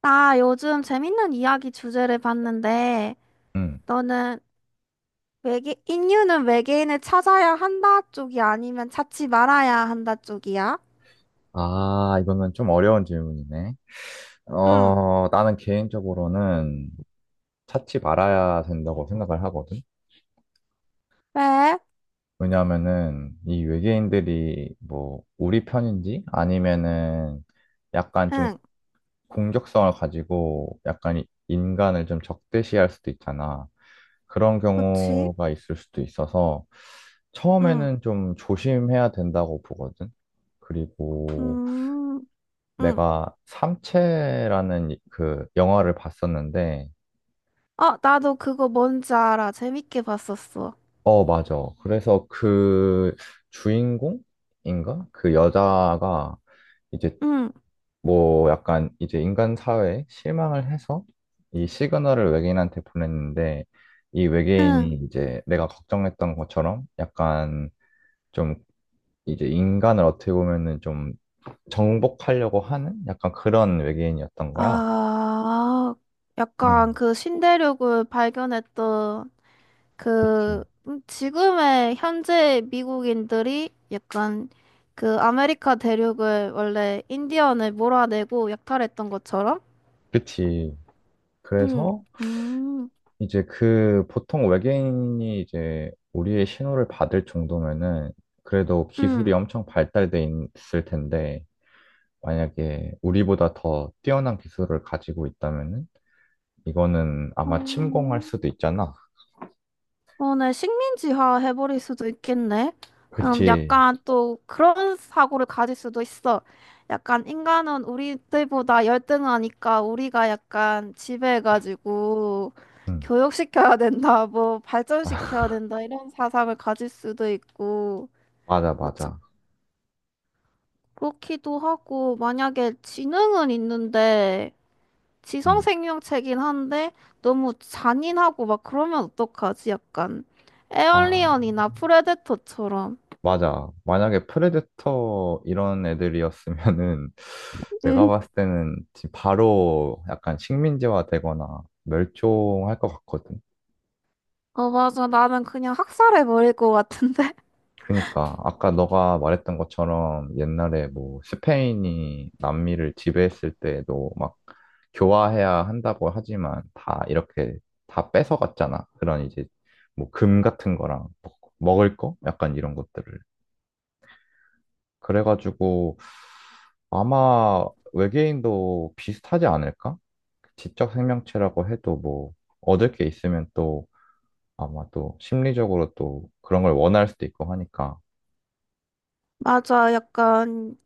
나 요즘 재밌는 이야기 주제를 봤는데, 음. 너는 외계, 인류는 외계인을 찾아야 한다 쪽이 아니면 찾지 말아야 한다 쪽이야? 아, 이거는 좀 어려운 질문이네. 응, 나는 개인적으로는 찾지 말아야 된다고 생각을 하거든. 왜? 왜냐하면은 이 외계인들이 뭐 우리 편인지 아니면은 약간 좀 응, 공격성을 가지고 약간 인간을 좀 적대시할 수도 있잖아. 그런 그치? 경우가 있을 수도 있어서 응, 처음에는 좀 조심해야 된다고 보거든. 그리고 음, 응. 내가 삼체라는 그 영화를 봤었는데, 어, 나도 그거 뭔지 알아. 재밌게 봤었어. 어, 맞아. 그래서 그 주인공인가? 그 여자가 이제 응, 뭐 약간 이제 인간 사회에 실망을 해서 이 시그널을 외계인한테 보냈는데, 이 외계인이 응. 이제 내가 걱정했던 것처럼 약간 좀 이제 인간을 어떻게 보면은 좀 정복하려고 하는 약간 그런 외계인이었던 거야. 아, 약간 음, 그 신대륙을 발견했던 그치. 그 지금의 현재 미국인들이 약간 그 아메리카 대륙을 원래 인디언을 몰아내고 약탈했던 것처럼 그치. 응 그래서 음, 이제 그 보통 외계인이 이제 우리의 신호를 받을 정도면은 그래도 음. 기술이 엄청 발달돼 있을 텐데 만약에 우리보다 더 뛰어난 기술을 가지고 있다면은 이거는 어, 아마 침공할 수도 있잖아. 어, 네, 식민지화 해버릴 수도 있겠네. 그치? 약간 또 그런 사고를 가질 수도 있어. 약간 인간은 우리들보다 열등하니까 우리가 약간 지배해가지고 응. 교육시켜야 된다, 뭐 아, 발전시켜야 된다, 이런 사상을 가질 수도 있고. 맞아, 어, 참, 맞아. 그렇기도 하고, 만약에 지능은 있는데, 지성 응. 생명체긴 한데 너무 잔인하고 막 그러면 어떡하지? 약간 아, 에얼리언이나 프레데터처럼. 맞아. 만약에 프레데터 이런 애들이었으면은 내가 응. 봤을 때는 바로 약간 식민지화 되거나 멸종할 것 같거든. 어, 맞아. 나는 그냥 학살해버릴 것 같은데. 그니까 아까 너가 말했던 것처럼 옛날에 뭐 스페인이 남미를 지배했을 때에도 막 교화해야 한다고 하지만 다 이렇게 다 뺏어갔잖아. 그런 이제 뭐 금 같은 거랑 먹을 거? 약간 이런 것들을. 그래가지고 아마 외계인도 비슷하지 않을까? 지적 생명체라고 해도 뭐 얻을 게 있으면 또 아마 또 심리적으로 또 그런 걸 원할 수도 있고 하니까. 맞아. 약간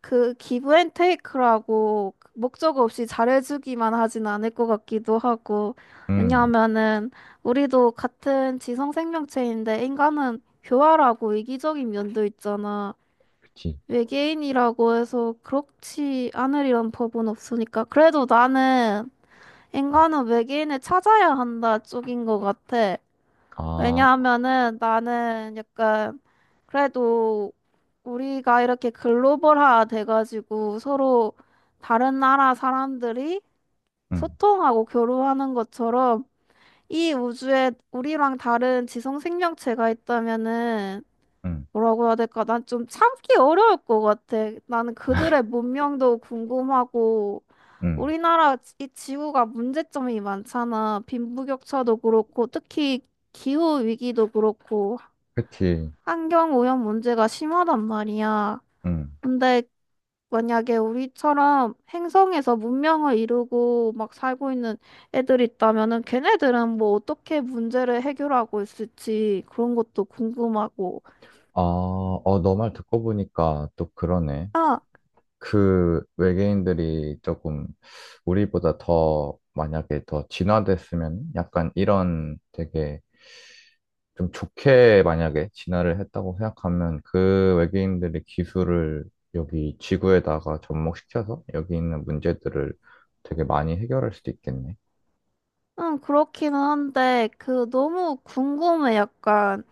그 기브 앤 테이크라고 목적 없이 잘해주기만 하진 않을 것 같기도 하고. 음, 왜냐하면은 우리도 같은 지성 생명체인데 인간은 교활하고 이기적인 면도 있잖아. 그치. 외계인이라고 해서 그렇지 않으리란 법은 없으니까. 그래도 나는 인간은 외계인을 찾아야 한다 쪽인 것 같아. 아, 왜냐하면은 나는 약간 그래도 우리가 이렇게 글로벌화 돼가지고 서로 다른 나라 사람들이 응, 소통하고 교류하는 것처럼 이 우주에 우리랑 다른 지성 생명체가 있다면은 응, 뭐라고 해야 될까? 난 좀 참기 어려울 것 같아. 나는 그들의 문명도 궁금하고, 응. 우리나라 이 지구가 문제점이 많잖아. 빈부격차도 그렇고, 특히 기후 위기도 그렇고, 그치, 환경 오염 문제가 심하단 말이야. 응. 근데 만약에 우리처럼 행성에서 문명을 이루고 막 살고 있는 애들 있다면은 걔네들은 뭐 어떻게 문제를 해결하고 있을지 그런 것도 궁금하고. 아, 어, 너 말 듣고 보니까 또 그러네. 아, 그 외계인들이 조금 우리보다 더 만약에 더 진화됐으면 약간 이런 되게 좀 좋게 만약에 진화를 했다고 생각하면 그 외계인들의 기술을 여기 지구에다가 접목시켜서 여기 있는 문제들을 되게 많이 해결할 수도 있겠네. 응, 그렇기는 한데, 그, 너무 궁금해. 약간,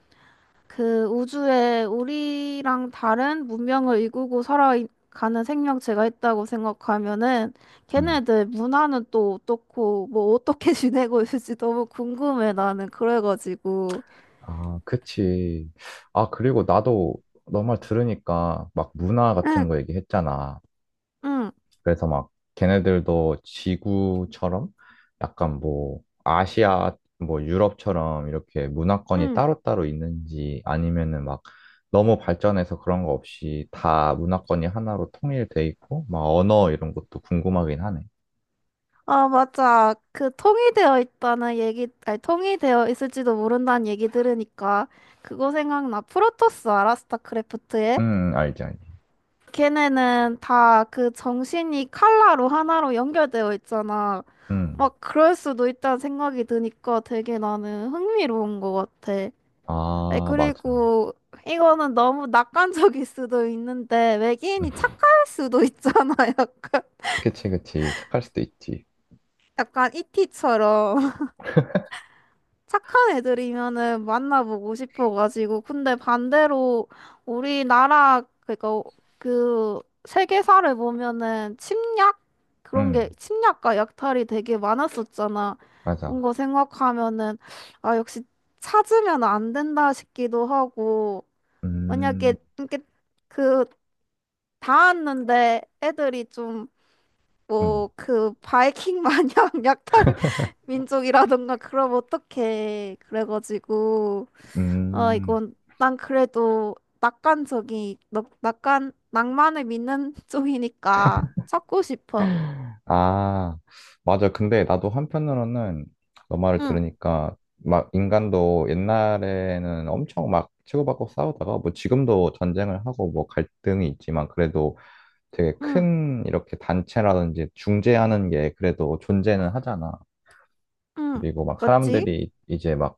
그, 우주에 우리랑 다른 문명을 이끌고 살아가는 생명체가 있다고 생각하면은, 응. 걔네들 문화는 또 어떻고, 뭐, 어떻게 지내고 있을지 너무 궁금해, 나는. 그래가지고. 아, 그치. 아, 그리고 나도 너 말 들으니까 막 문화 응, 같은 거 얘기했잖아. 응, 그래서 막 걔네들도 지구처럼 약간 뭐 아시아, 뭐 유럽처럼 이렇게 문화권이 응. 따로따로 있는지 아니면은 막 너무 발전해서 그런 거 없이 다 문화권이 하나로 통일돼 있고 막 언어 이런 것도 궁금하긴 하네. 아, 맞아. 그, 통일되어 있다는 얘기, 아니, 통일되어 있을지도 모른다는 얘기 들으니까, 그거 생각나. 프로토스 알아? 스타크래프트에? 응, 알지, 알지. 걔네는 다 그 정신이 칼라로 하나로 연결되어 있잖아. 응. 막 그럴 수도 있다는 생각이 드니까 되게 나는 흥미로운 것 같아. 에, 아, 맞아. 그리고 이거는 너무 낙관적일 수도 있는데 외계인이 착할 수도 있잖아. 약간, 그치, 그치. 착할 수도 있지. 약간 이티처럼. 착한 애들이면은 만나보고 싶어가지고. 근데 반대로 우리나라, 그니까 그 세계사를 보면은 침략? 그런 게 응, 침략과 약탈이 되게 많았었잖아. 그런 맞아. 거 생각하면은, 아, 역시 찾으면 안 된다 싶기도 하고. 음, 만약에 이렇게 그 닿았는데 애들이 좀 음, 뭐 그 바이킹 마냥 약탈 민족이라던가 그럼 어떡해. 그래가지고 아 음. 이건 난 그래도 낙관 낭만을 믿는 쪽이니까 찾고 싶어. 아, 맞아. 근데 나도 한편으로는 너 말을 응, 들으니까 막 인간도 옛날에는 엄청 막 치고받고 싸우다가 뭐 지금도 전쟁을 하고 뭐 갈등이 있지만 그래도 되게 응, 큰 이렇게 단체라든지 중재하는 게 그래도 존재는 하잖아. 응. 그리고 막 그치? 사람들이 이제 막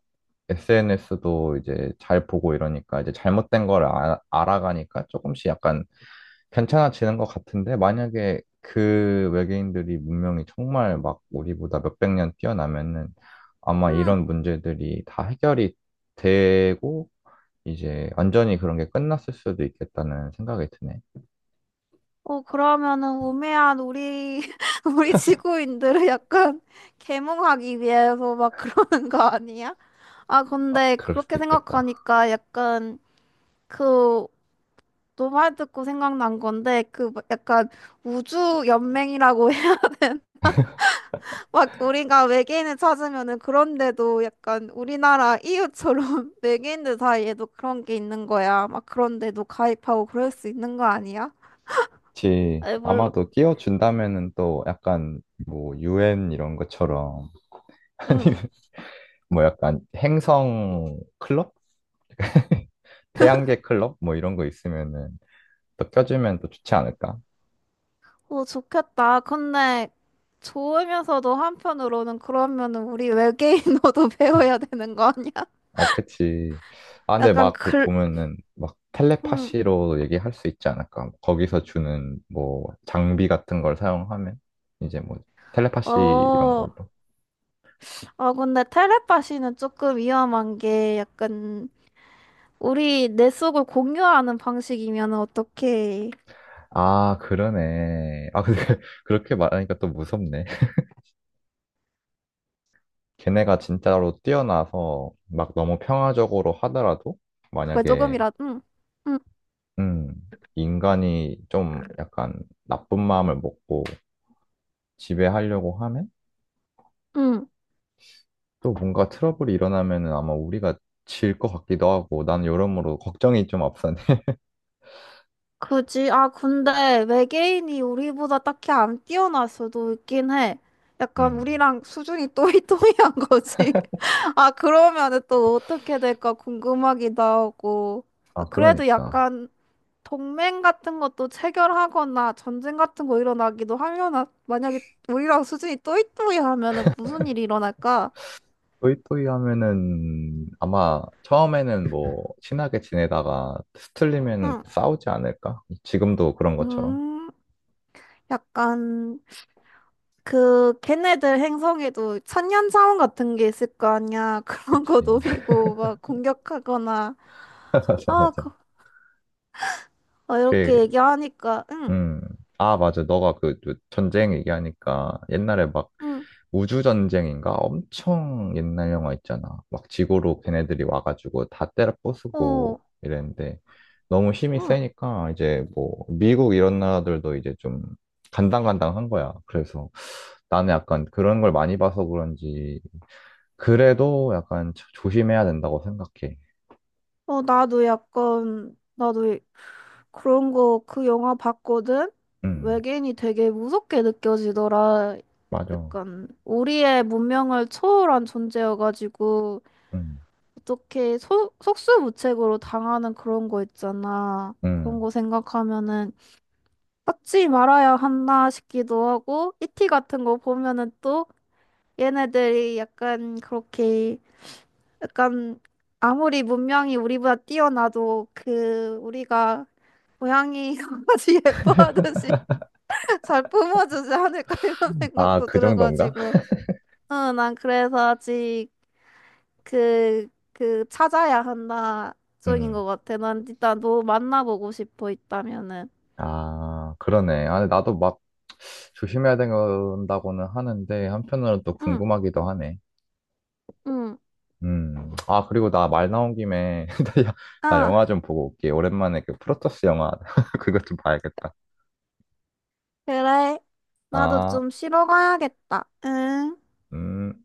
SNS도 이제 잘 보고 이러니까 이제 잘못된 걸 알아가니까 조금씩 약간 괜찮아지는 것 같은데 만약에 그 외계인들이 문명이 정말 막 우리보다 몇백 년 뛰어나면은 아마 응. 이런 문제들이 다 해결이 되고 이제 완전히 그런 게 끝났을 수도 있겠다는 생각이 드네. 어 그러면은 우매한 우리 우리 지구인들을 약간 계몽하기 위해서 막 그러는 거 아니야? 아 아, 근데 그럴 그렇게 수도 있겠다. 생각하니까 약간 그 너 말 듣고 생각난 건데 그 막 약간 우주 연맹이라고 해. 막 우리가 외계인을 찾으면은 그런데도 약간 우리나라 이유처럼 외계인들 사이에도 그런 게 있는 거야. 막 그런데도 가입하고 그럴 수 있는 거 아니야? 그치. 에 물론 아마도 끼워준다면은 또 약간 뭐 유엔 이런 것처럼 응. 아니면 뭐 약간 행성 클럽? 태양계 클럽? 뭐 이런 거 있으면은 또 껴주면 또 좋지 않을까? 오 좋겠다. 근데 좋으면서도 한편으로는 그러면은 우리 외계인어도 배워야 되는 거 아니야? 아, 그치. 아, 근데 약간 막 그 글 보면은 막 응. 텔레파시로 얘기할 수 있지 않을까? 거기서 주는 뭐 장비 같은 걸 사용하면 이제 뭐 텔레파시 이런 어. 걸로. 아, 근데 텔레파시는 조금 위험한 게 약간 우리 내 속을 공유하는 방식이면 어떻게 아, 그러네. 아, 근데 그렇게 말하니까 또 무섭네. 걔네가 진짜로 뛰어나서 막 너무 평화적으로 하더라도 그걸 만약에, 조금이라도 응, 응, 음, 인간이 좀 약간 나쁜 마음을 먹고 지배하려고 하면 응. 또 뭔가 트러블이 일어나면은 아마 우리가 질 것 같기도 하고 난 여러모로 걱정이 좀 앞서네. 그지? 아 근데 외계인이 우리보다 딱히 안 뛰어날 수도 있긴 해. 약간 음. 우리랑 수준이 또이또이한 거지. 아 그러면은 또 어떻게 될까 궁금하기도 하고. 아, 아 그래도 그러니까 약간 동맹 같은 것도 체결하거나 전쟁 같은 거 일어나기도 하려나? 만약에 우리랑 수준이 또이또이하면은 무슨 일이 일어날까? 또이또이 하면은 아마 처음에는 뭐 친하게 지내다가 스틀리면은 응. 싸우지 않을까? 지금도 그런 것처럼. 음. 약간 그 걔네들 행성에도 천년 자원 같은 게 있을 거 아니야. 그런 거 그치. 노리고 막 공격하거나 맞아 아, 맞아. 그, 아, 이렇게 그 얘기하니까 응, 음. 아, 맞아. 너가 그그 전쟁 얘기하니까 옛날에 막 응, 우주전쟁인가? 엄청 옛날 영화 있잖아. 막 지구로 걔네들이 와가지고 다 때려 어, 부수고 이랬는데 너무 힘이 응, 세니까 이제 뭐 미국 이런 나라들도 이제 좀 간당간당한 거야. 그래서 나는 약간 그런 걸 많이 봐서 그런지 그래도 약간 조심해야 된다고 생각해. 어, 나도 약간 나도 이- 그런 거 그 영화 봤거든. 음, 외계인이 되게 무섭게 느껴지더라. 맞아. 약간 우리의 문명을 초월한 존재여가지고. 음, 어떻게 속수무책으로 당하는 그런 거 있잖아. 그런 음. 거 생각하면은 받지 말아야 한다 싶기도 하고 이티 같은 거 보면은 또 얘네들이 약간 그렇게 약간 아무리 문명이 우리보다 뛰어나도 그 우리가 고양이 강아지 예뻐하듯이 잘 품어주지 않을까 이런 아, 생각도 그 정도인가? 들어가지고 응, 난 그래서 아직 그, 그, 찾아야 한다, 쪽인 음. 것 같아. 난 일단 너 만나보고 싶어, 있다면은. 아, 그러네. 아, 나도 막 조심해야 된다고는 하는데, 한편으로는 또 응, 궁금하기도 하네. 응. 음. 아, 그리고 나 말 나온 김에, 나 나 영화 아, 좀 보고 올게. 오랜만에 그 프로토스 영화, 그것 좀 봐야겠다. 그래. 나도 아, 좀 쉬러 가야겠다. 응. 음.